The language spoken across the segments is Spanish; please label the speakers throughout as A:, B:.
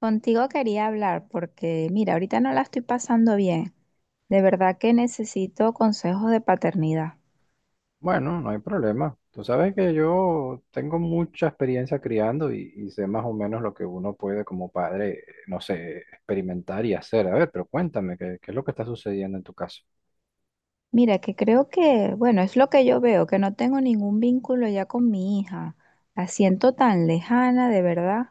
A: Contigo quería hablar porque, mira, ahorita no la estoy pasando bien. De verdad que necesito consejos de paternidad.
B: Bueno, no hay problema. Tú sabes que yo tengo mucha experiencia criando y sé más o menos lo que uno puede como padre, no sé, experimentar y hacer. A ver, pero cuéntame, ¿qué es lo que está sucediendo en tu caso?
A: Mira, que creo que, bueno, es lo que yo veo, que no tengo ningún vínculo ya con mi hija. La siento tan lejana, de verdad.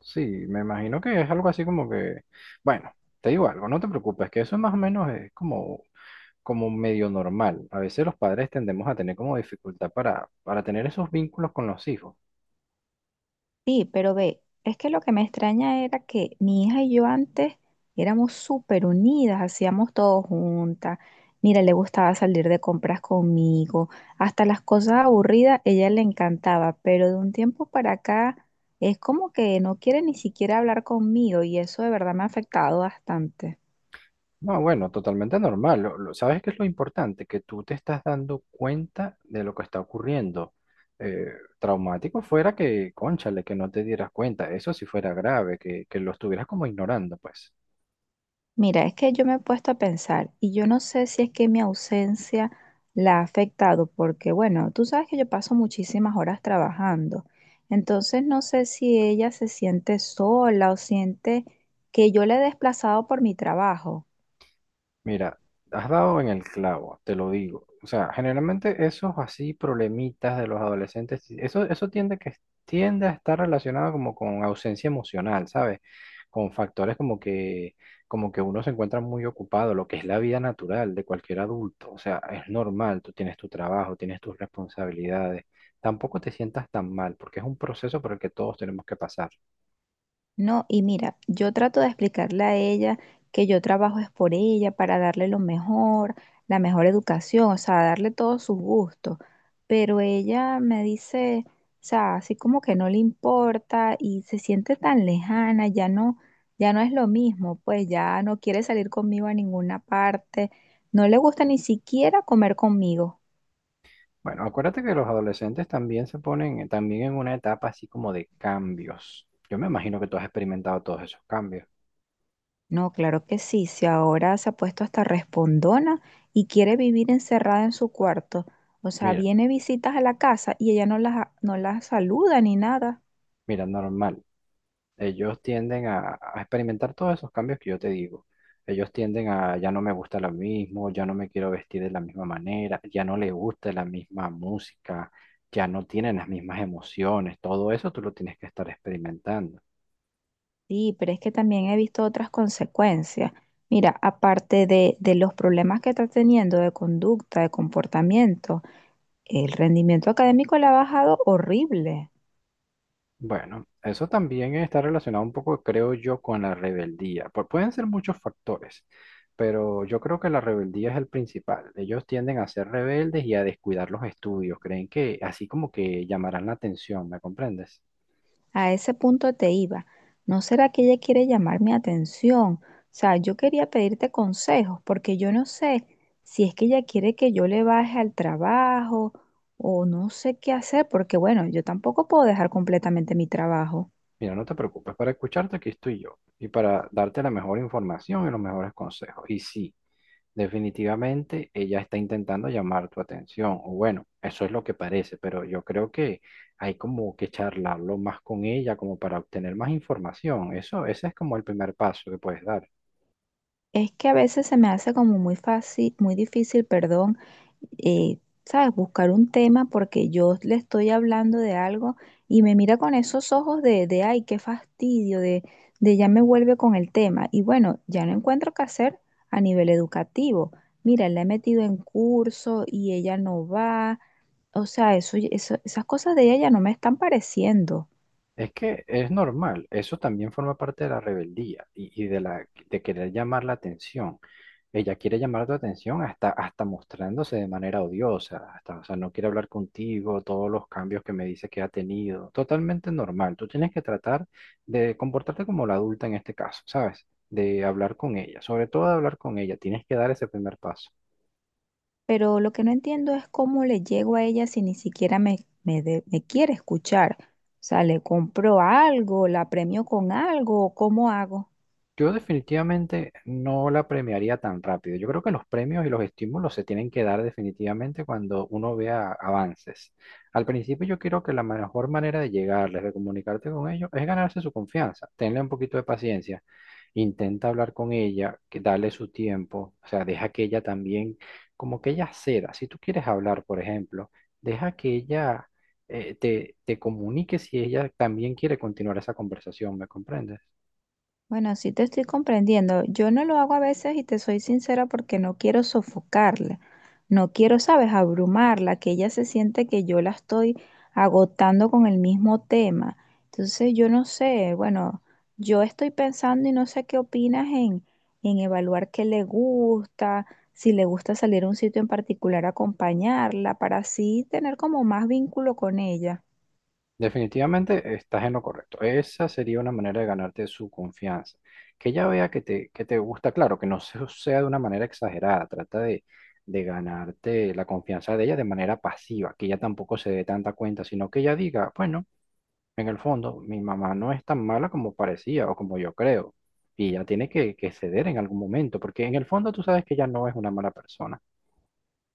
B: Sí, me imagino que es algo así como que, bueno, te digo algo, no te preocupes, que eso más o menos es como, como medio normal. A veces los padres tendemos a tener como dificultad para tener esos vínculos con los hijos.
A: Sí, pero ve, es que lo que me extraña era que mi hija y yo antes éramos súper unidas, hacíamos todo juntas. Mira, le gustaba salir de compras conmigo, hasta las cosas aburridas ella le encantaba, pero de un tiempo para acá es como que no quiere ni siquiera hablar conmigo y eso de verdad me ha afectado bastante.
B: No, bueno, totalmente normal. ¿Sabes qué es lo importante? Que tú te estás dando cuenta de lo que está ocurriendo. Eh, Traumático fuera que, cónchale, que no te dieras cuenta. Eso sí fuera grave, que lo estuvieras como ignorando, pues.
A: Mira, es que yo me he puesto a pensar y yo no sé si es que mi ausencia la ha afectado, porque bueno, tú sabes que yo paso muchísimas horas trabajando, entonces no sé si ella se siente sola o siente que yo la he desplazado por mi trabajo.
B: Mira, has dado en el clavo, te lo digo. O sea, generalmente esos así problemitas de los adolescentes, eso tiende a estar relacionado como con ausencia emocional, ¿sabes? Con factores como que uno se encuentra muy ocupado, lo que es la vida natural de cualquier adulto. O sea, es normal, tú tienes tu trabajo, tienes tus responsabilidades. Tampoco te sientas tan mal, porque es un proceso por el que todos tenemos que pasar.
A: No, y mira, yo trato de explicarle a ella que yo trabajo es por ella, para darle lo mejor, la mejor educación, o sea, darle todos sus gustos. Pero ella me dice, o sea, así como que no le importa y se siente tan lejana, ya no, ya no es lo mismo, pues ya no quiere salir conmigo a ninguna parte, no le gusta ni siquiera comer conmigo.
B: Bueno, acuérdate que los adolescentes también se ponen también en una etapa así como de cambios. Yo me imagino que tú has experimentado todos esos cambios.
A: No, claro que sí. Si ahora se ha puesto hasta respondona y quiere vivir encerrada en su cuarto. O sea,
B: Mira,
A: viene visitas a la casa y ella no las, no las saluda ni nada.
B: mira, normal. Ellos tienden a experimentar todos esos cambios que yo te digo. Ellos tienden a ya no me gusta lo mismo, ya no me quiero vestir de la misma manera, ya no les gusta la misma música, ya no tienen las mismas emociones. Todo eso tú lo tienes que estar experimentando.
A: Sí, pero es que también he visto otras consecuencias. Mira, aparte de los problemas que está teniendo de conducta, de comportamiento, el rendimiento académico le ha bajado horrible.
B: Bueno, eso también está relacionado un poco, creo yo, con la rebeldía. Pueden ser muchos factores, pero yo creo que la rebeldía es el principal. Ellos tienden a ser rebeldes y a descuidar los estudios. Creen que así como que llamarán la atención, ¿me comprendes?
A: A ese punto te iba. ¿No será que ella quiere llamar mi atención? O sea, yo quería pedirte consejos porque yo no sé si es que ella quiere que yo le baje al trabajo o no sé qué hacer porque bueno, yo tampoco puedo dejar completamente mi trabajo.
B: Mira, no te preocupes, para escucharte aquí estoy yo y para darte la mejor información y los mejores consejos. Y sí. Definitivamente ella está intentando llamar tu atención, o bueno, eso es lo que parece, pero yo creo que hay como que charlarlo más con ella como para obtener más información. Eso, ese es como el primer paso que puedes dar.
A: Es que a veces se me hace como muy fácil, muy difícil, perdón, eh, ¿sabes? Buscar un tema porque yo le estoy hablando de algo y me mira con esos ojos de ay, qué fastidio, de ya me vuelve con el tema. Y bueno, ya no encuentro qué hacer a nivel educativo. Mira, la he metido en curso y ella no va. O sea, eso, esas cosas de ella ya no me están pareciendo.
B: Es que es normal, eso también forma parte de la rebeldía y de la de querer llamar la atención. Ella quiere llamar tu atención hasta, mostrándose de manera odiosa, hasta, o sea, no quiere hablar contigo, todos los cambios que me dice que ha tenido. Totalmente normal. Tú tienes que tratar de comportarte como la adulta en este caso, ¿sabes? De hablar con ella, sobre todo de hablar con ella, tienes que dar ese primer paso.
A: Pero lo que no entiendo es cómo le llego a ella si ni siquiera me quiere escuchar. O sea, le compro algo, la premio con algo, ¿cómo hago?
B: Yo definitivamente no la premiaría tan rápido. Yo creo que los premios y los estímulos se tienen que dar definitivamente cuando uno vea avances. Al principio yo creo que la mejor manera de llegarles, de comunicarte con ellos, es ganarse su confianza. Tenle un poquito de paciencia. Intenta hablar con ella, que darle su tiempo. O sea, deja que ella también, como que ella ceda. Si tú quieres hablar, por ejemplo, deja que ella te, te comunique si ella también quiere continuar esa conversación. ¿Me comprendes?
A: Bueno, sí te estoy comprendiendo. Yo no lo hago a veces y te soy sincera porque no quiero sofocarla, no quiero, sabes, abrumarla, que ella se siente que yo la estoy agotando con el mismo tema. Entonces, yo no sé, bueno, yo estoy pensando y no sé qué opinas en evaluar qué le gusta, si le gusta salir a un sitio en particular, acompañarla, para así tener como más vínculo con ella.
B: Definitivamente estás en lo correcto. Esa sería una manera de ganarte su confianza. Que ella vea que te, gusta, claro, que no sea de una manera exagerada. Trata de ganarte la confianza de ella de manera pasiva, que ella tampoco se dé tanta cuenta, sino que ella diga, bueno, en el fondo, mi mamá no es tan mala como parecía o como yo creo. Y ella tiene que ceder en algún momento, porque en el fondo tú sabes que ella no es una mala persona.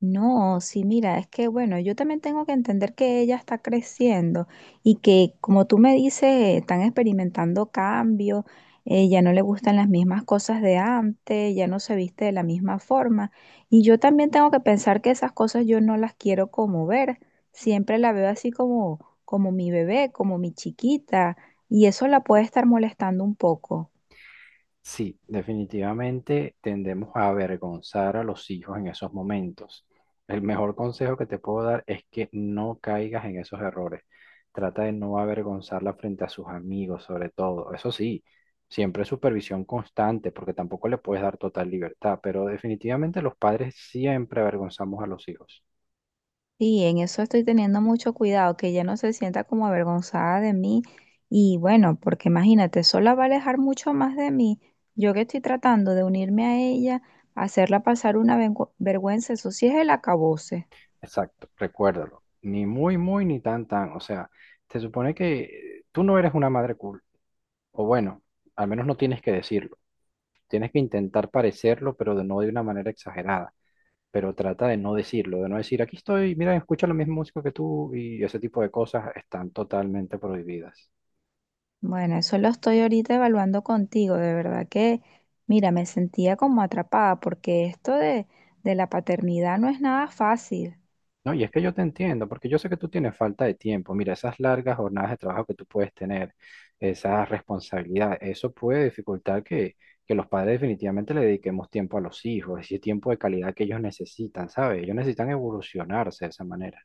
A: No, sí, mira, es que bueno, yo también tengo que entender que ella está creciendo y que, como tú me dices, están experimentando cambios, ya no le gustan las mismas cosas de antes, ya no se viste de la misma forma. Y yo también tengo que pensar que esas cosas yo no las quiero como ver, siempre la veo así como, como mi bebé, como mi chiquita, y eso la puede estar molestando un poco.
B: Sí, definitivamente tendemos a avergonzar a los hijos en esos momentos. El mejor consejo que te puedo dar es que no caigas en esos errores. Trata de no avergonzarla frente a sus amigos, sobre todo. Eso sí, siempre supervisión constante, porque tampoco le puedes dar total libertad, pero definitivamente los padres siempre avergonzamos a los hijos.
A: Sí, en eso estoy teniendo mucho cuidado, que ella no se sienta como avergonzada de mí. Y bueno, porque imagínate, sola va a alejar mucho más de mí. Yo que estoy tratando de unirme a ella, hacerla pasar una vergüenza, eso sí es el acabose.
B: Exacto, recuérdalo. Ni muy, muy, ni tan, tan. O sea, se supone que tú no eres una madre cool, o bueno, al menos no tienes que decirlo. Tienes que intentar parecerlo, pero de no de una manera exagerada. Pero trata de no decirlo, de no decir, aquí estoy, mira, escucha la misma música que tú y ese tipo de cosas están totalmente prohibidas.
A: Bueno, eso lo estoy ahorita evaluando contigo, de verdad que, mira, me sentía como atrapada, porque esto de la paternidad no es nada fácil.
B: No, y es que yo te entiendo, porque yo sé que tú tienes falta de tiempo. Mira, esas largas jornadas de trabajo que tú puedes tener, esa responsabilidad, eso puede dificultar que, los padres definitivamente le dediquemos tiempo a los hijos, ese tiempo de calidad que ellos necesitan, ¿sabes? Ellos necesitan evolucionarse de esa manera.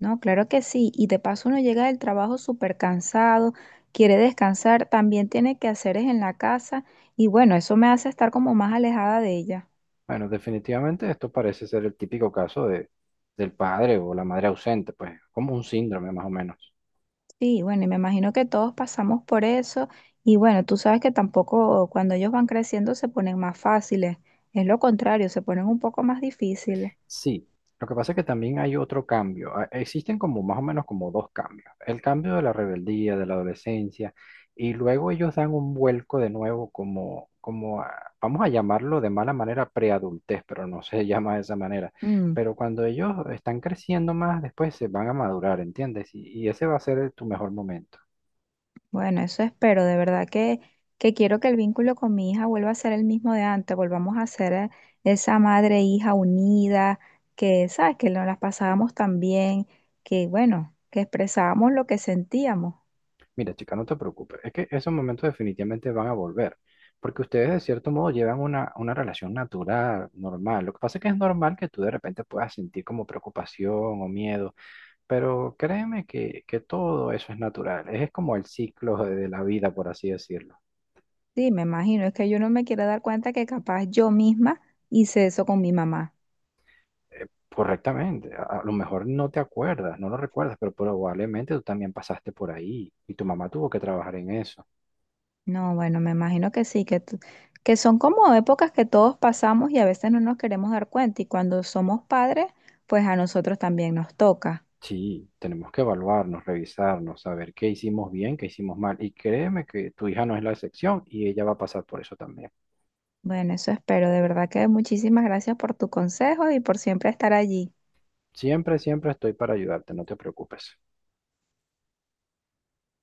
A: No, claro que sí. Y de paso uno llega del trabajo súper cansado, quiere descansar, también tiene que hacer es en la casa y bueno, eso me hace estar como más alejada de ella.
B: Bueno, definitivamente esto parece ser el típico caso del padre o la madre ausente, pues como un síndrome más o menos.
A: Sí, bueno, y me imagino que todos pasamos por eso y bueno, tú sabes que tampoco cuando ellos van creciendo se ponen más fáciles, es lo contrario, se ponen un poco más difíciles.
B: Sí, lo que pasa es que también hay otro cambio. Ah, existen como más o menos como dos cambios. El cambio de la rebeldía, de la adolescencia, y luego ellos dan un vuelco de nuevo como vamos a llamarlo de mala manera preadultez, pero no se llama de esa manera.
A: Mm.
B: Pero cuando ellos están creciendo más, después se van a madurar, ¿entiendes? Y ese va a ser tu mejor momento.
A: Bueno, eso espero, de verdad que quiero que el vínculo con mi hija vuelva a ser el mismo de antes, volvamos a ser esa madre e hija unida, que, ¿sabes? Que nos las pasábamos tan bien, que, bueno, que expresábamos lo que sentíamos.
B: Mira, chica, no te preocupes, es que esos momentos definitivamente van a volver, porque ustedes de cierto modo llevan una relación natural, normal. Lo que pasa es que es normal que tú de repente puedas sentir como preocupación o miedo, pero créeme que todo eso es natural, es como el ciclo de la vida, por así decirlo.
A: Sí, me imagino, es que yo no me quiero dar cuenta que capaz yo misma hice eso con mi mamá.
B: Eh, Correctamente, a lo mejor no te acuerdas, no lo recuerdas, pero probablemente tú también pasaste por ahí y tu mamá tuvo que trabajar en eso.
A: No, bueno, me imagino que sí, que, que son como épocas que todos pasamos y a veces no nos queremos dar cuenta y cuando somos padres, pues a nosotros también nos toca.
B: Sí, tenemos que evaluarnos, revisarnos, saber qué hicimos bien, qué hicimos mal. Y créeme que tu hija no es la excepción y ella va a pasar por eso también.
A: Bueno, eso espero. De verdad que muchísimas gracias por tu consejo y por siempre estar allí.
B: Siempre, siempre estoy para ayudarte, no te preocupes.